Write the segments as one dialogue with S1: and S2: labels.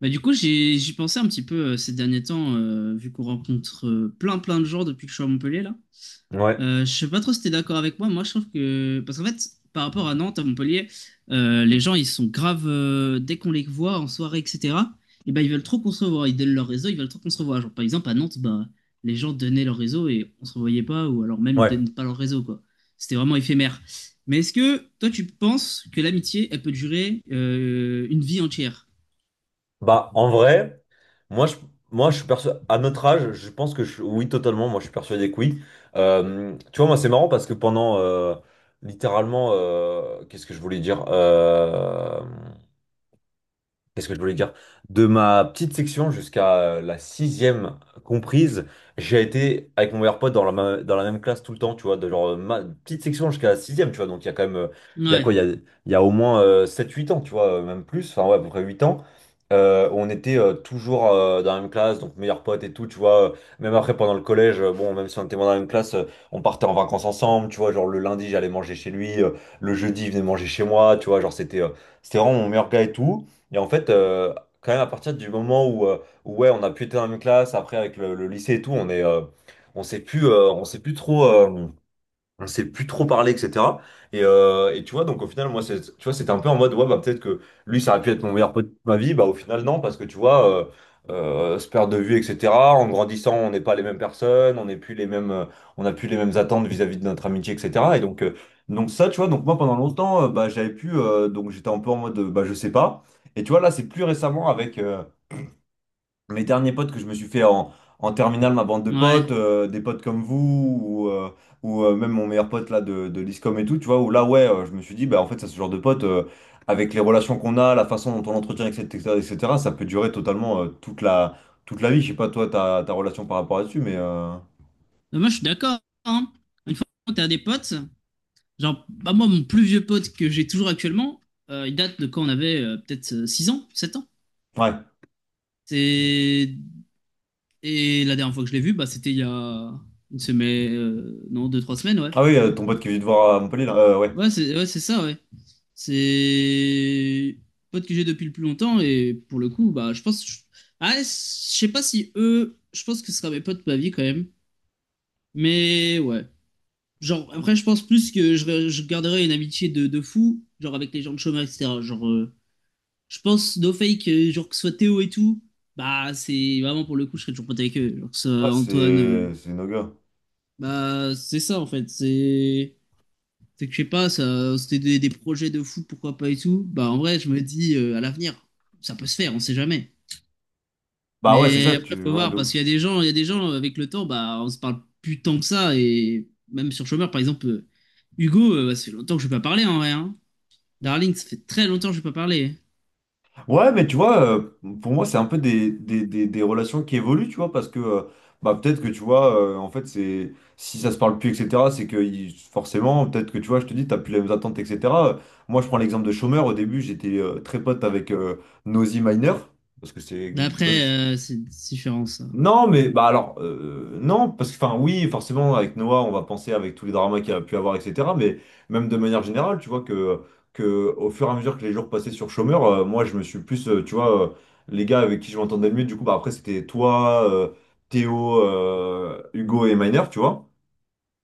S1: Bah, du coup, j'y pensais un petit peu ces derniers temps, vu qu'on rencontre plein de gens depuis que je suis à Montpellier là.
S2: Ouais,
S1: Je sais pas trop si t'es d'accord avec moi. Moi, je trouve que parce qu'en fait, par rapport à Nantes, à Montpellier, les gens ils sont graves dès qu'on les voit en soirée, etc. Et ben ils veulent trop qu'on se revoie. Ils donnent leur réseau, ils veulent trop qu'on se revoie. Genre par exemple à Nantes, bah les gens donnaient leur réseau et on se revoyait pas, ou alors même ils
S2: ouais.
S1: donnaient pas leur réseau quoi. C'était vraiment éphémère. Mais est-ce que toi tu penses que l'amitié elle peut durer une vie entière?
S2: Bah, en vrai, moi, je, moi, je suis persuadé, à notre âge, je pense oui, totalement, moi, je suis persuadé que oui. Tu vois, moi, c'est marrant parce que littéralement, qu'est-ce que je voulais dire? Qu'est-ce que je voulais dire? De ma petite section jusqu'à la sixième comprise, j'ai été avec mon meilleur pote dans dans la même classe tout le temps, tu vois, de genre ma petite section jusqu'à la sixième, tu vois, donc il y a quand même, il y a
S1: Ouais.
S2: quoi, il y a au moins 7-8 ans, tu vois, même plus, enfin ouais, à peu près 8 ans, on était toujours dans la même classe, donc meilleur pote et tout, tu vois, même après pendant le collège, bon, même si on était moins dans la même classe, on partait en vacances ensemble, tu vois, genre le lundi j'allais manger chez lui, le jeudi il venait manger chez moi, tu vois, genre c'était... c'était vraiment mon meilleur gars et tout. Et en fait, quand même, à partir du moment ouais, on a pu être dans la même classe, après avec le lycée et tout, on sait plus trop. On s'est plus trop parler, etc. Et tu vois, donc au final, tu vois, c'était un peu en mode, ouais, bah peut-être que lui, ça aurait pu être mon meilleur pote de ma vie, bah au final, non, parce que tu vois, se perdre de vue, etc. En grandissant, on n'est pas les mêmes personnes, on n'est plus les mêmes, on n'a plus les mêmes attentes vis-à-vis de notre amitié, etc. Et donc ça, tu vois, donc moi, pendant longtemps, bah j'avais pu, donc j'étais un peu en mode, bah je sais pas. Et tu vois, là, c'est plus récemment avec, mes derniers potes que je me suis fait en terminale, ma bande de potes,
S1: Ouais.
S2: des potes comme vous, ou même mon meilleur pote là de l'ISCOM et tout, tu vois, où là, ouais, je me suis dit, bah en fait, ça, ce genre de potes, avec les relations qu'on a, la façon dont on l'entretient, etc., etc., ça peut durer totalement toute toute la vie. Je sais pas, toi, ta relation par rapport à dessus, mais.
S1: Non, moi, je suis d'accord, hein. Une fois que t'as des potes, genre, bah, moi, mon plus vieux pote que j'ai toujours actuellement, il date de quand on avait peut-être 6 ans, 7 ans.
S2: Ouais.
S1: C'est... Et la dernière fois que je l'ai vu, bah, c'était il y a une semaine, non, deux trois semaines, ouais.
S2: Ah oui, ton pote qui est venu te voir à Montpellier, là, ouais.
S1: Ouais, c'est ça, ouais. C'est pote que j'ai depuis le plus longtemps et pour le coup, bah, je pense. Je- Ah, je sais pas si eux, je pense que ce sera mes potes de ma vie quand même. Mais ouais. Genre, après, je pense plus que je garderai une amitié de fou, genre avec les gens de chômage, etc. Genre, je pense, no fake, genre que ce soit Théo et tout, bah, c'est vraiment pour le coup, je serais toujours pote avec eux. Genre que ce
S2: Ouais,
S1: soit Antoine,
S2: C'est nos gars.
S1: bah, c'est ça en fait. C'est que je sais pas, ça, c'était des projets de fou, pourquoi pas et tout. Bah, en vrai, je me dis à l'avenir, ça peut se faire, on sait jamais.
S2: Bah ouais, c'est
S1: Mais
S2: ça,
S1: après,
S2: tu.
S1: faut
S2: Ouais,
S1: voir, parce
S2: d'où?
S1: qu'il y a des gens, il y a des gens avec le temps, bah, on se parle plus tant que ça, et même sur chômeur, par exemple. Hugo, bah, ça fait longtemps que je vais pas parler en vrai, hein. Darling, ça fait très longtemps que je n'ai pas parlé.
S2: Ouais, mais tu vois, pour moi, c'est un peu des relations qui évoluent, tu vois, parce que bah, peut-être que tu vois, en fait, c'est si ça se parle plus, etc., c'est que forcément, peut-être que tu vois, je te dis, t'as plus les mêmes attentes, etc. Moi, je prends l'exemple de Chômeur. Au début, j'étais très pote avec Nosy Minor, parce que c'est eux,
S1: D'après, c'est différent, ça.
S2: non, mais bah alors non, parce que enfin oui, forcément avec Noah, on va penser avec tous les dramas qu'il a pu avoir, etc. Mais même de manière générale, tu vois que au fur et à mesure que les jours passaient sur Chômeur, moi je me suis plus, les gars avec qui je m'entendais le mieux, du coup bah après c'était toi, Théo, Hugo et Miner, tu vois.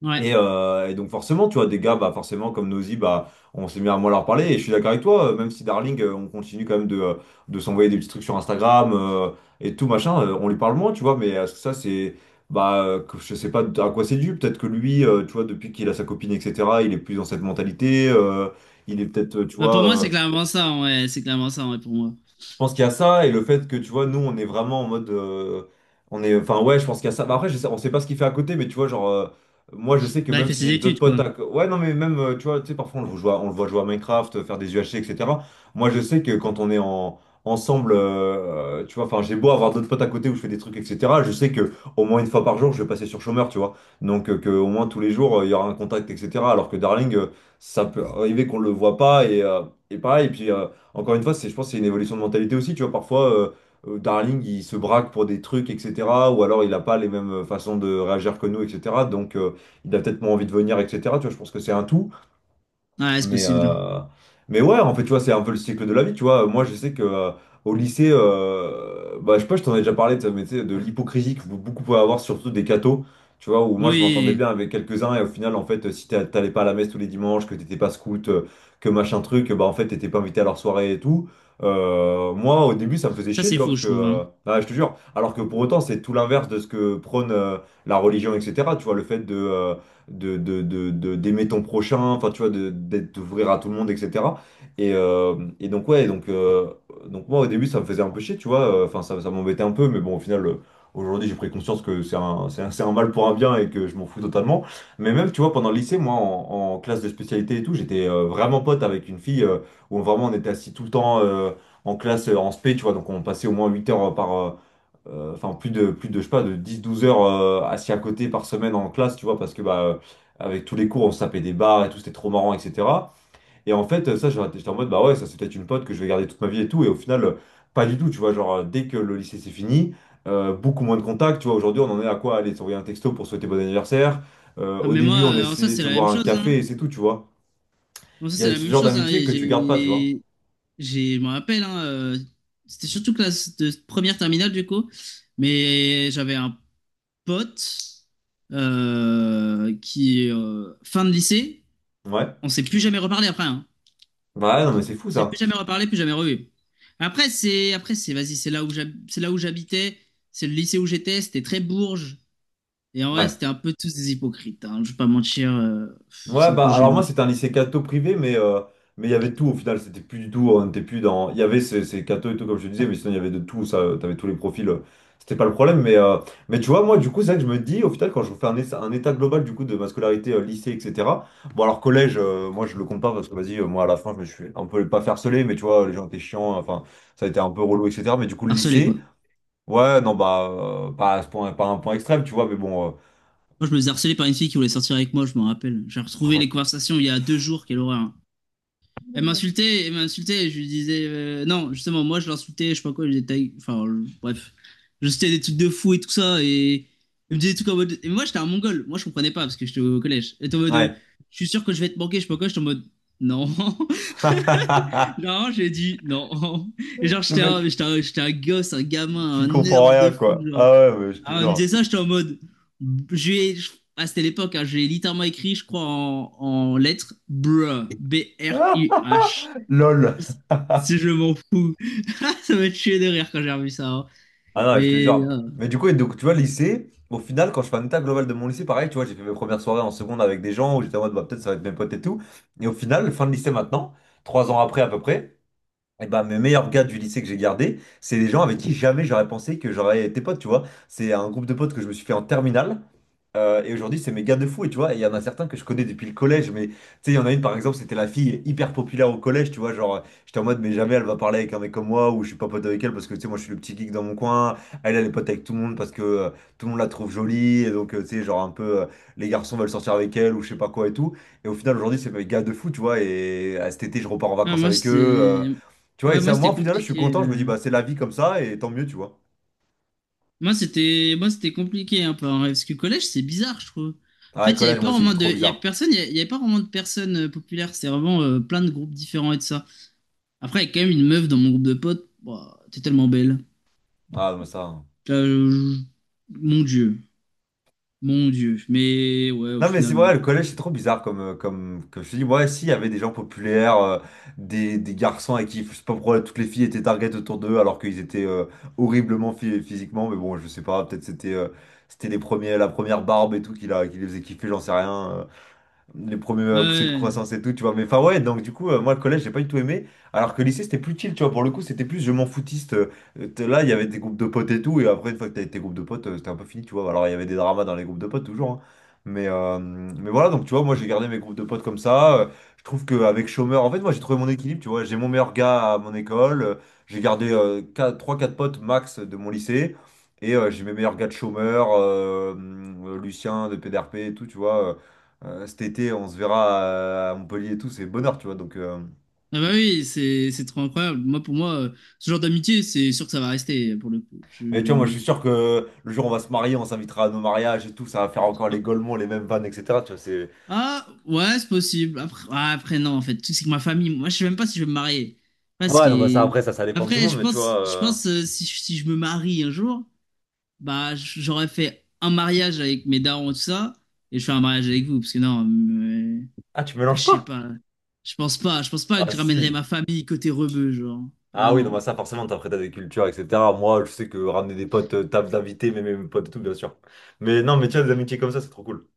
S1: Ouais.
S2: Et donc forcément, tu vois, des gars, bah forcément comme Nosy, bah on s'est mis à moins leur parler. Et je suis d'accord avec toi, même si Darling, on continue quand même de s'envoyer des petits trucs sur Instagram et tout machin, on lui parle moins, tu vois. Mais ça, c'est bah je sais pas à quoi c'est dû. Peut-être que lui, tu vois, depuis qu'il a sa copine, etc., il est plus dans cette mentalité. Il est peut-être, tu
S1: Bah, pour moi,
S2: vois.
S1: c'est clairement ça, ouais. C'est clairement ça, ouais, pour moi.
S2: Je pense qu'il y a ça et le fait que tu vois, nous on est vraiment en mode. On est, enfin ouais, je pense qu'il y a ça. Bah, après, on sait pas ce qu'il fait à côté, mais tu vois, genre, moi je sais que
S1: Bah, il
S2: même
S1: fait
S2: si
S1: ses
S2: j'ai d'autres
S1: études,
S2: potes
S1: quoi.
S2: à... Ouais, non, mais même, tu vois, tu sais, parfois on le voit jouer à Minecraft, faire des UHC, etc. Moi je sais que quand on est ensemble, tu vois, enfin j'ai beau avoir d'autres potes à côté où je fais des trucs, etc. Je sais que au moins une fois par jour je vais passer sur chômeur, tu vois. Donc que au moins tous les jours il y aura un contact, etc. Alors que Darling, ça peut arriver qu'on le voit pas et, et pareil, et puis. Encore une fois, c'est, je pense que c'est une évolution de mentalité aussi. Tu vois, parfois, Darling, il se braque pour des trucs, etc. Ou alors, il n'a pas les mêmes façons de réagir que nous, etc. Donc, il a peut-être moins envie de venir, etc. Tu vois, je pense que c'est un tout.
S1: Ouais, c'est
S2: Mais,
S1: possible.
S2: euh, mais ouais, en fait, tu vois, c'est un peu le cycle de la vie, tu vois. Moi, je sais que au lycée, bah, je sais pas, je t'en ai déjà parlé, tu sais, mais tu sais, de l'hypocrisie que beaucoup pouvaient avoir, surtout des cathos, tu vois, où moi, je m'entendais bien
S1: Oui,
S2: avec quelques-uns, et au final, en fait, si t'allais pas à la messe tous les dimanches, que t'étais pas scout, que machin truc, bah, en fait, t'étais pas invité à leur soirée et tout. Moi, au début, ça me faisait
S1: ça,
S2: chier, tu
S1: c'est
S2: vois,
S1: fou,
S2: parce
S1: je
S2: que,
S1: trouve, hein.
S2: ah, je te jure, alors que pour autant, c'est tout l'inverse de ce que prône la religion, etc., tu vois, le fait de. De- d'aimer ton prochain, enfin tu vois, d'être, d'ouvrir à tout le monde, etc. Et donc ouais, donc moi au début ça me faisait un peu chier, tu vois, enfin ça m'embêtait un peu, mais bon au final aujourd'hui j'ai pris conscience que c'est un mal pour un bien et que je m'en fous totalement. Mais même tu vois, pendant le lycée, moi en classe de spécialité et tout, j'étais vraiment pote avec une fille où vraiment on était assis tout le temps. En classe en spé, tu vois, donc on passait au moins 8 heures enfin plus de je sais pas de dix douze heures assis à côté par semaine en classe tu vois parce que bah avec tous les cours on se tapait des barres et tout c'était trop marrant etc et en fait ça j'étais en mode bah ouais ça c'est peut-être une pote que je vais garder toute ma vie et tout et au final pas du tout tu vois genre dès que le lycée c'est fini beaucoup moins de contacts tu vois aujourd'hui on en est à quoi aller s'envoyer un texto pour souhaiter bon anniversaire.
S1: Ah,
S2: Au
S1: mais moi,
S2: début on
S1: en soi,
S2: essayait de
S1: c'est
S2: se
S1: la même
S2: boire un
S1: chose, hein.
S2: café et c'est tout tu vois
S1: En soi,
S2: il y
S1: c'est
S2: a
S1: la
S2: ce
S1: même
S2: genre
S1: chose, hein.
S2: d'amitié
S1: Et
S2: que tu gardes pas tu vois
S1: J'ai, je me rappelle, hein, c'était surtout classe de première terminale, du coup. Mais j'avais un pote qui, fin de lycée,
S2: ouais
S1: on s'est plus jamais reparlé après, hein.
S2: bah ouais, non mais c'est fou
S1: C'est plus
S2: ça.
S1: jamais reparlé, plus jamais revu. Après, c'est, vas-y, c'est là où j'habitais, c'est le lycée où j'étais, c'était très bourge. Et en vrai,
S2: Ouais.
S1: c'était un peu tous des hypocrites, hein, je vais pas mentir, pff, c'est
S2: Ouais,
S1: un peu
S2: bah alors moi
S1: gênant, je
S2: c'était un
S1: trouve.
S2: lycée catho privé, mais il y avait tout au final, c'était plus du tout, on était plus dans. Il y avait ces cathos et tout, comme je te disais, mais sinon il y avait de tout, ça, t'avais tous les profils, c'était pas le problème. Mais tu vois, moi du coup, c'est vrai que je me dis, au final, quand je fais un état global du coup de ma scolarité, lycée, etc. Bon, alors collège, moi je le compte pas parce que vas-y, moi à la fin, je me suis un peu pas farcelé, mais tu vois, les gens étaient chiants, enfin, ça a été un peu relou, etc. Mais du coup, le
S1: Harcelé, quoi.
S2: lycée, ouais, non, bah, pas à ce point, pas à un point extrême, tu vois, mais bon,
S1: Moi, je me faisais harceler par une fille qui voulait sortir avec moi, je m'en rappelle. J'ai retrouvé
S2: oh,
S1: les conversations il y a deux jours, quelle horreur, hein. Elle m'insultait, je lui disais non, justement, moi je l'insultais, je sais pas quoi, je disais ta gueule, bref, je citais des trucs de fou et tout ça, et elle me disait des trucs en mode. Et moi j'étais un mongol, moi je comprenais pas parce que j'étais au collège. Elle était en mode,
S2: ouais.
S1: je suis sûr que je vais te manquer, je sais pas quoi, j'étais en mode non, genre j'ai dit non, et genre
S2: Le
S1: j'étais
S2: mec.
S1: j'étais j'étais un gosse, un gamin,
S2: Qui
S1: un
S2: comprend
S1: nerd
S2: rien,
S1: de fou,
S2: quoi.
S1: genre.
S2: Ah ouais, mais je te
S1: Alors, elle me
S2: jure.
S1: disait ça, j'étais en mode, je lui ai- je- ah c'était l'époque, hein, je l'ai littéralement écrit, je crois en lettres, bruh,
S2: Ah,
S1: B-R-U-H.
S2: lol.
S1: Si je m'en fous. Ça m'a tué de rire quand j'ai revu ça, hein.
S2: Ah non, je te
S1: Mais
S2: jure.
S1: ah,
S2: Mais du coup, et donc, tu vois, lycée, au final, quand je fais un état global de mon lycée, pareil, tu vois, j'ai fait mes premières soirées en seconde avec des gens où j'étais en mode, bah, peut-être ça va être mes potes et tout. Et au final, fin de lycée maintenant, trois ans après à peu près, et bah, mes meilleurs gars du lycée que j'ai gardé, c'est des gens avec qui jamais j'aurais pensé que j'aurais été pote, tu vois. C'est un groupe de potes que je me suis fait en terminale. Et aujourd'hui, c'est mes gars de fou, et tu vois, et il y en a certains que je connais depuis le collège, mais tu sais, il y en a une par exemple, c'était la fille hyper populaire au collège, tu vois, genre, j'étais en mode, mais jamais elle va parler avec un mec comme moi, ou je suis pas pote avec elle parce que tu sais, moi je suis le petit geek dans mon coin, elle, elle est pote avec tout le monde parce que tout le monde la trouve jolie, et donc, tu sais, genre un peu, les garçons veulent sortir avec elle, ou je sais pas quoi et tout, et au final, aujourd'hui, c'est mes gars de fou, tu vois, et à cet été, je repars en
S1: ah,
S2: vacances
S1: moi
S2: avec eux, euh,
S1: c'était
S2: tu vois, et
S1: Ouais, moi
S2: ça,
S1: c'était
S2: moi, au final, je suis
S1: compliqué,
S2: content, je me
S1: euh.
S2: dis, bah, c'est la vie comme ça, et tant mieux, tu vois.
S1: Moi c'était compliqué un peu en vrai, parce que collège c'est bizarre, je trouve. En
S2: Ah,
S1: fait,
S2: le
S1: il y
S2: collège,
S1: avait
S2: moi
S1: pas
S2: aussi,
S1: vraiment de
S2: trop
S1: il y a
S2: bizarre.
S1: personne, il y avait pas vraiment de personnes populaires, c'était vraiment plein de groupes différents et tout ça. Après, il y a quand même une meuf dans mon groupe de potes. Bah t'es tellement belle.
S2: Ah, mais ça, hein.
S1: Là, je- Mon Dieu, mon Dieu. Mais ouais, au
S2: Non mais c'est
S1: final
S2: vrai, le collège c'est trop bizarre comme, comme, comme je te dis, ouais si, il y avait des gens populaires, des garçons avec qui, je sais pas pourquoi, toutes les filles étaient target autour d'eux alors qu'ils étaient horriblement physiquement, mais bon je sais pas, peut-être c'était c'était les premiers, la première barbe et tout qui, qui les faisait kiffer, j'en sais rien. Les premiers poussées de
S1: ouais.
S2: croissance et tout, tu vois. Mais enfin, ouais, donc du coup, moi, le collège, j'ai pas du tout aimé. Alors que le lycée, c'était plus chill, tu vois. Pour le coup, c'était plus je m'en foutiste. T'es là, il y avait des groupes de potes et tout. Et après, une fois que t'avais tes groupes de potes, c'était un peu fini, tu vois. Alors, il y avait des dramas dans les groupes de potes, toujours, hein. Mais voilà, donc tu vois, moi, j'ai gardé mes groupes de potes comme ça. Je trouve qu'avec chômeur, en fait, moi, j'ai trouvé mon équilibre, tu vois. J'ai mon meilleur gars à mon école. J'ai gardé trois quatre potes max de mon lycée. Et j'ai mes meilleurs gars de chômeur, Lucien de PDRP et tout, tu vois. Cet été, on se verra à Montpellier et tout, c'est bonheur, tu vois. Donc, euh.
S1: Ah bah oui, c'est trop incroyable. Moi, pour moi, ce genre d'amitié, c'est sûr que ça va rester pour le coup.
S2: Mais tu vois, moi, je
S1: Je-
S2: suis sûr que le jour où on va se marier, on s'invitera à nos mariages et tout, ça va faire encore les Golemons, les mêmes vannes, etc. Tu vois, c'est...
S1: Ah ouais, c'est possible. Après, ah, après non, en fait, Le truc, c'est que ma famille, moi, je sais même pas si je vais me marier. Parce
S2: Ouais,
S1: que
S2: non, bah ça, après, ça dépend de tout le
S1: après,
S2: monde, mais tu vois...
S1: je
S2: euh.
S1: pense si si je me marie un jour, bah j'aurais fait un mariage avec mes darons et tout ça, et je fais un mariage avec vous, parce que non, mais...
S2: Ah, tu
S1: après, je
S2: mélanges
S1: sais
S2: pas?
S1: pas. Je pense pas que
S2: Ah,
S1: je ramènerai ma
S2: si.
S1: famille côté rebeu, genre.
S2: Ah
S1: Ah
S2: oui, non, bah
S1: non.
S2: ça, forcément, t'apprêtes à des cultures, etc. Moi, je sais que ramener des potes, table d'invités, mais mes potes et tout, bien sûr. Mais non, mais tu vois, des amitiés comme ça, c'est trop cool.